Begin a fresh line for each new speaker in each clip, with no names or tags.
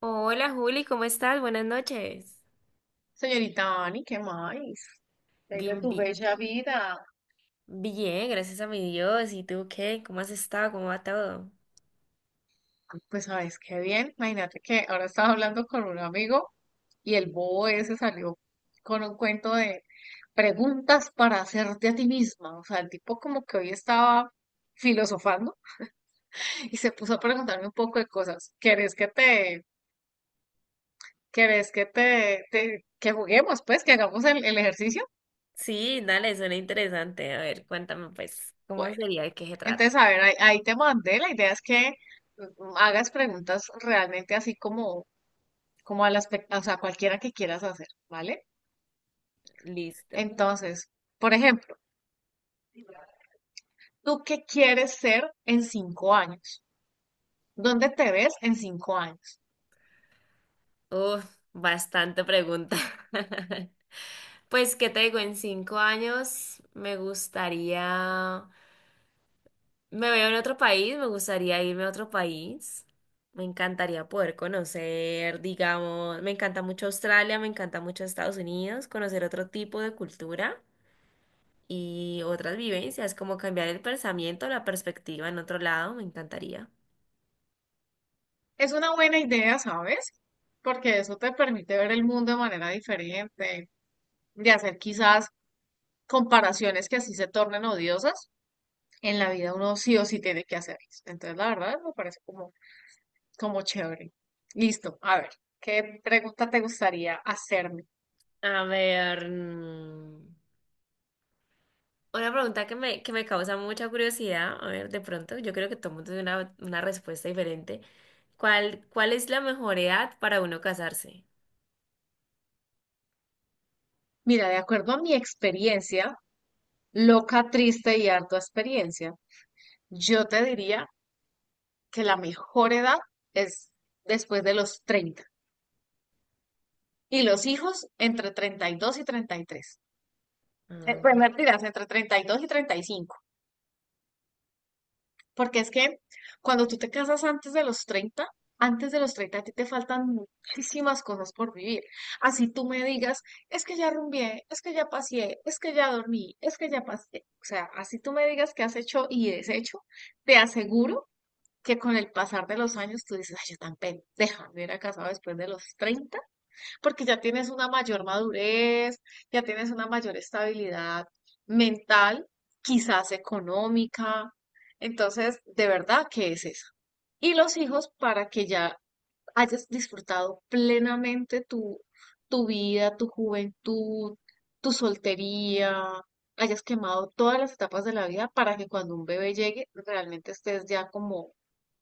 Hola Juli, ¿cómo estás? Buenas noches.
Señorita Ani, ¿qué más? ¿Qué hay de
Bien,
tu
bien,
bella vida?
bien, gracias a mi Dios. ¿Y tú qué? ¿Cómo has estado? ¿Cómo va todo?
Pues sabes qué bien. Imagínate que ahora estaba hablando con un amigo y el bobo ese salió con un cuento de preguntas para hacerte a ti misma. O sea, el tipo como que hoy estaba filosofando y se puso a preguntarme un poco de cosas. ¿Querés que te, que juguemos, pues, que hagamos el ejercicio?
Sí, dale, suena interesante. A ver, cuéntame pues, ¿cómo
Bueno,
sería? ¿De qué se
entonces,
trata?
a ver, ahí te mandé. La idea es que hagas preguntas realmente así como o sea, cualquiera que quieras hacer, ¿vale?
Listo.
Entonces, por ejemplo, ¿tú qué quieres ser en 5 años? ¿Dónde te ves en 5 años?
Uf, bastante pregunta. Pues, ¿qué te digo? En 5 años me gustaría. Me veo en otro país, me gustaría irme a otro país. Me encantaría poder conocer, digamos, me encanta mucho Australia, me encanta mucho Estados Unidos, conocer otro tipo de cultura y otras vivencias, como cambiar el pensamiento, la perspectiva en otro lado, me encantaría.
Es una buena idea, ¿sabes? Porque eso te permite ver el mundo de manera diferente, de hacer quizás comparaciones que así se tornen odiosas. En la vida uno sí o sí tiene que hacerlas. Entonces, la verdad, me parece como, como chévere. Listo, a ver, ¿qué pregunta te gustaría hacerme?
A ver, una pregunta que me causa mucha curiosidad, a ver, de pronto, yo creo que todo el mundo tiene una respuesta diferente. ¿Cuál es la mejor edad para uno casarse?
Mira, de acuerdo a mi experiencia, loca, triste y harta experiencia. Yo te diría que la mejor edad es después de los 30 y los hijos entre treinta y 33. Pues mentiras, entre 32 y 35. Porque es que cuando tú te casas antes de los 30, antes de los 30, a ti te faltan muchísimas cosas por vivir. Así tú me digas, es que ya rumbié, es que ya paseé, es que ya dormí, es que ya pasé. O sea, así tú me digas que has hecho y deshecho, te aseguro que con el pasar de los años tú dices, ay, yo tan pendeja, me hubiera casado después de los 30 porque ya tienes una mayor madurez, ya tienes una mayor estabilidad mental, quizás económica. Entonces, de verdad que es eso. Y los hijos para que ya hayas disfrutado plenamente tu vida, tu juventud, tu soltería, hayas quemado todas las etapas de la vida para que cuando un bebé llegue realmente estés ya como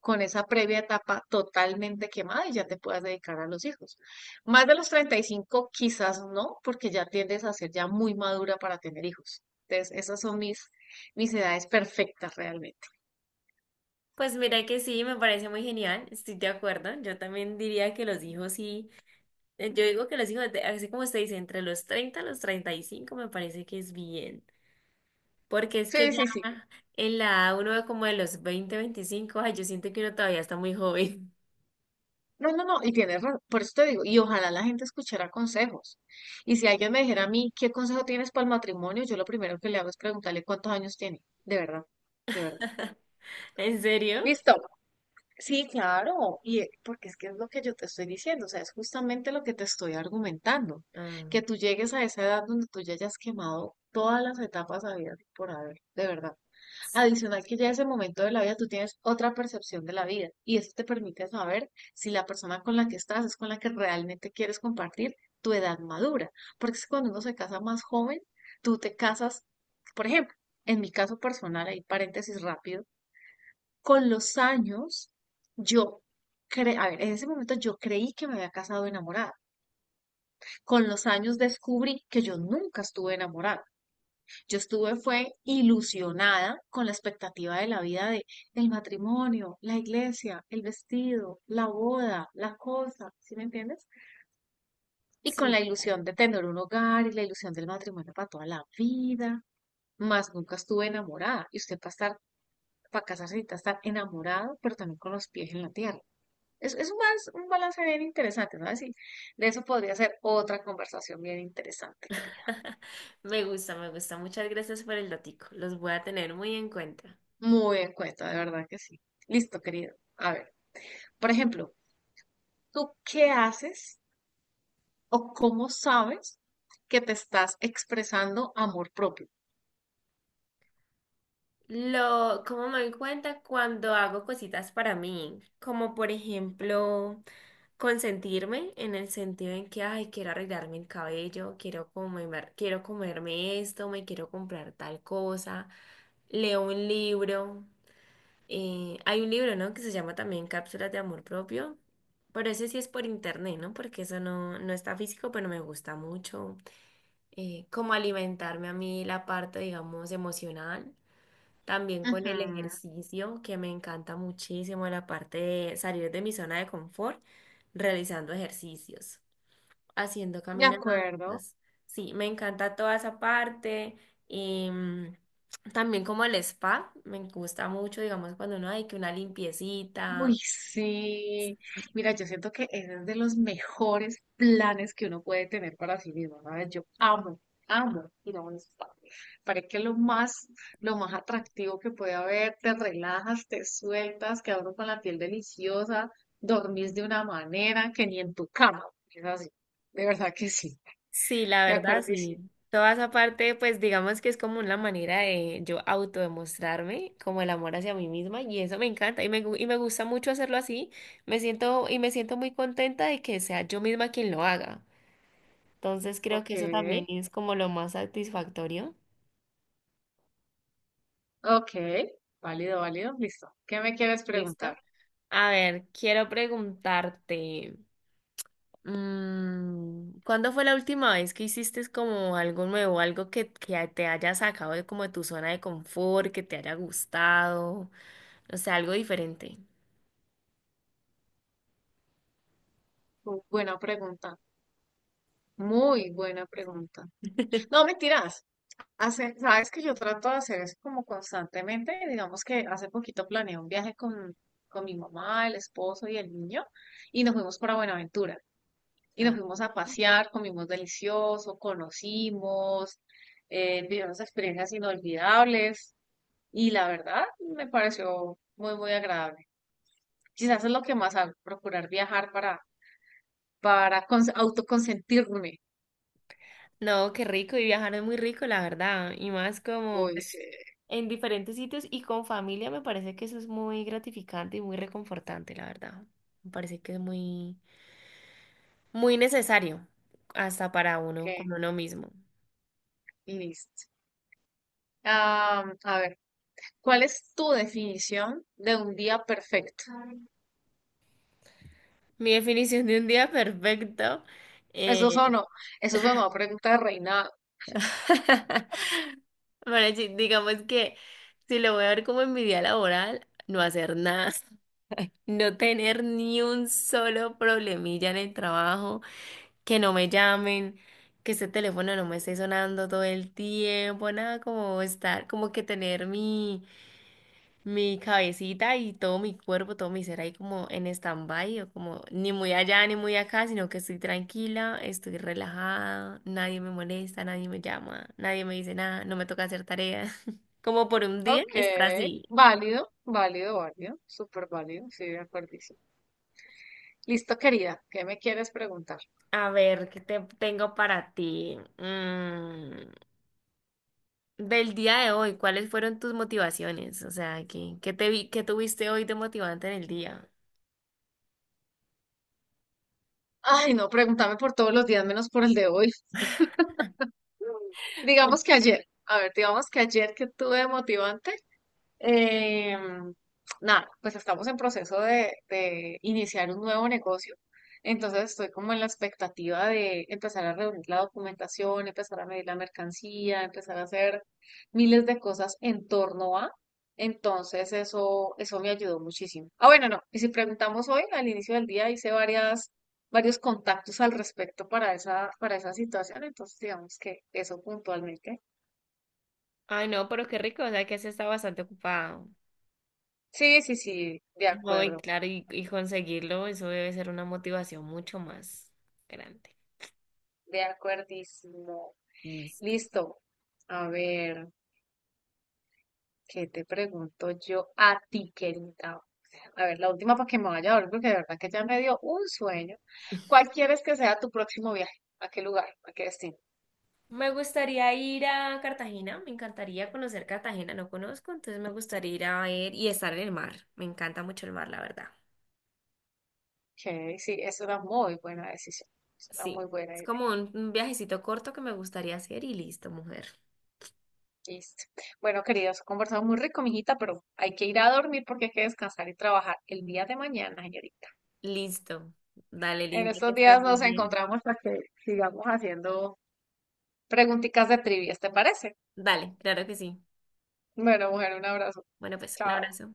con esa previa etapa totalmente quemada y ya te puedas dedicar a los hijos. Más de los 35, quizás no, porque ya tiendes a ser ya muy madura para tener hijos. Entonces, esas son mis edades perfectas realmente.
Pues mira que sí, me parece muy genial, estoy de acuerdo. Yo también diría que los hijos sí, yo digo que los hijos, así como usted dice, entre los 30 a los 35 me parece que es bien, porque es que
Sí,
ya
sí, sí.
en la edad uno ve como de los 20 25. Ay, yo siento que uno todavía está muy joven.
No, no, no, y tienes razón, por eso te digo, y ojalá la gente escuchara consejos. Y si alguien me dijera a mí, ¿qué consejo tienes para el matrimonio? Yo lo primero que le hago es preguntarle cuántos años tiene, de verdad, de verdad.
¿En serio?
Listo, sí, claro, y porque es que es lo que yo te estoy diciendo, o sea, es justamente lo que te estoy argumentando,
Ah,
que tú llegues a esa edad donde tú ya hayas quemado todas las etapas habidas y por haber, de verdad.
sí,
Adicional que ya ese momento de la vida tú tienes otra percepción de la vida y eso te permite saber si la persona con la que estás es con la que realmente quieres compartir tu edad madura, porque es que cuando uno se casa más joven, tú te casas, por ejemplo, en mi caso personal, ahí paréntesis rápido con los años, yo, cre a ver, en ese momento yo creí que me había casado enamorada. Con los años descubrí que yo nunca estuve enamorada. Yo estuve, fue ilusionada con la expectativa de la vida de el matrimonio, la iglesia, el vestido, la boda, la cosa, ¿sí me entiendes? Y con
sí,
la
claro.
ilusión de tener un hogar y la ilusión del matrimonio para toda la vida. Más nunca estuve enamorada. Y usted para estar, para casarse necesita estar enamorado, pero también con los pies en la tierra. Es más un balance bien interesante, ¿sabes? Y de eso podría ser otra conversación bien interesante, querida.
Me gusta, me gusta. Muchas gracias por el datico. Los voy a tener muy en cuenta.
Muy en cuenta, de verdad que sí. Listo, querido. A ver, por ejemplo, ¿tú qué haces o cómo sabes que te estás expresando amor propio?
Lo, cómo me doy cuenta cuando hago cositas para mí, como por ejemplo consentirme en el sentido en que, ay, quiero arreglarme el cabello, quiero comer, quiero comerme esto, me quiero comprar tal cosa, leo un libro, hay un libro, ¿no? Que se llama también Cápsulas de Amor Propio, pero ese sí es por internet, ¿no? Porque eso no, no está físico, pero me gusta mucho, como alimentarme a mí la parte, digamos, emocional. También con el
Ujú,
ejercicio, que me encanta muchísimo la parte de salir de mi zona de confort realizando ejercicios, haciendo
de
caminatas.
acuerdo.
Sí, me encanta toda esa parte. Y también como el spa, me gusta mucho, digamos, cuando uno hay que una limpiecita.
Uy, sí. Mira, yo siento que ese es de los mejores planes que uno puede tener para sí mismo, ¿sabes? Yo amo, amo ir a un spa. Parece que es lo más atractivo que puede haber. Te relajas, te sueltas, quedas uno con la piel deliciosa, dormís de una manera que ni en tu cama. Es así. De verdad que sí.
Sí, la
De
verdad,
acuerdo,
sí.
sí.
Toda esa parte, pues digamos que es como una manera de yo autodemostrarme como el amor hacia mí misma y eso me encanta y y me gusta mucho hacerlo así. Me siento y me siento muy contenta de que sea yo misma quien lo haga. Entonces creo
Ok,
que eso también es como lo más satisfactorio.
ok. Válido, válido. Listo. ¿Qué me quieres preguntar?
¿Listo? A ver, quiero preguntarte. ¿Cuándo fue la última vez que hiciste como algo nuevo, algo que te haya sacado de como de tu zona de confort, que te haya gustado, no sé, algo diferente?
Buena pregunta. Muy buena pregunta. No, mentiras. Hace, sabes que yo trato de hacer eso como constantemente. Digamos que hace poquito planeé un viaje con mi mamá, el esposo y el niño y nos fuimos para Buenaventura. Y nos
Ah,
fuimos a pasear, comimos delicioso, conocimos, vivimos experiencias inolvidables y la verdad me pareció muy, muy agradable. Quizás es lo que más hago, procurar viajar para autoconsentirme.
no, qué rico, y viajar es muy rico, la verdad, y más como
Uy,
pues
sí,
en diferentes sitios y con familia me parece que eso es muy gratificante y muy reconfortante, la verdad. Me parece que es muy, muy necesario hasta para uno, con
que
uno mismo.
listo. Ah, a ver. ¿Cuál es tu definición de un día perfecto?
Mi definición de un día perfecto.
Eso
Eh,
sonó, eso sonó a pregunta de reina.
Bueno, sí, digamos que si lo voy a ver como en mi día laboral, no hacer nada, no tener ni un solo problemilla en el trabajo, que no me llamen, que ese teléfono no me esté sonando todo el tiempo, nada como estar, como que tener mi cabecita y todo mi cuerpo, todo mi ser ahí como en stand-by o como ni muy allá ni muy acá, sino que estoy tranquila, estoy relajada, nadie me molesta, nadie me llama, nadie me dice nada, no me toca hacer tareas. Como por un día
Ok,
estar así.
válido, válido, válido, súper válido, sí, de acuerdísimo. Listo, querida, ¿qué me quieres preguntar?
A ver, ¿qué te tengo para ti? Del día de hoy, ¿cuáles fueron tus motivaciones? O sea, ¿qué te vi, qué tuviste hoy de motivante en el día?
Ay, no, pregúntame por todos los días menos por el de hoy. Digamos que ayer, a ver, digamos que ayer que tuve de motivante, Eh, nada, pues estamos en proceso de iniciar un nuevo negocio. Entonces estoy como en la expectativa de empezar a reunir la documentación, empezar a medir la mercancía, empezar a hacer miles de cosas en torno a. Entonces eso me ayudó muchísimo. Ah, bueno, no. Y si preguntamos hoy, al inicio del día hice varias, varios contactos al respecto para esa situación. Entonces digamos que eso puntualmente.
Ay, no, pero qué rico, o sea que has estado bastante ocupado.
Sí, sí, sí, de
No, y
acuerdo.
claro, y conseguirlo, eso debe ser una motivación mucho más grande.
De acuerdísimo.
Listo.
Listo. A ver, ¿qué te pregunto yo a ti, querida? A ver, la última para que me vaya a dormir, porque de verdad que ya me dio un sueño. ¿Cuál quieres que sea tu próximo viaje? ¿A qué lugar? ¿A qué destino?
Me gustaría ir a Cartagena, me encantaría conocer Cartagena, no conozco, entonces me gustaría ir a ver y estar en el mar. Me encanta mucho el mar, la verdad.
Ok, sí, es una muy buena decisión. Es una
Sí,
muy buena
es
idea.
como un viajecito corto que me gustaría hacer y listo, mujer.
Listo. Bueno, queridos, conversamos muy rico, mijita, pero hay que ir a dormir porque hay que descansar y trabajar el día de mañana, señorita.
Listo. Dale,
En
linda, que
estos
estés
días
muy
nos
bien.
encontramos para que sigamos haciendo preguntitas de trivias, ¿te parece?
Dale, claro que sí.
Bueno, mujer, un abrazo.
Bueno, pues un
Chao.
abrazo.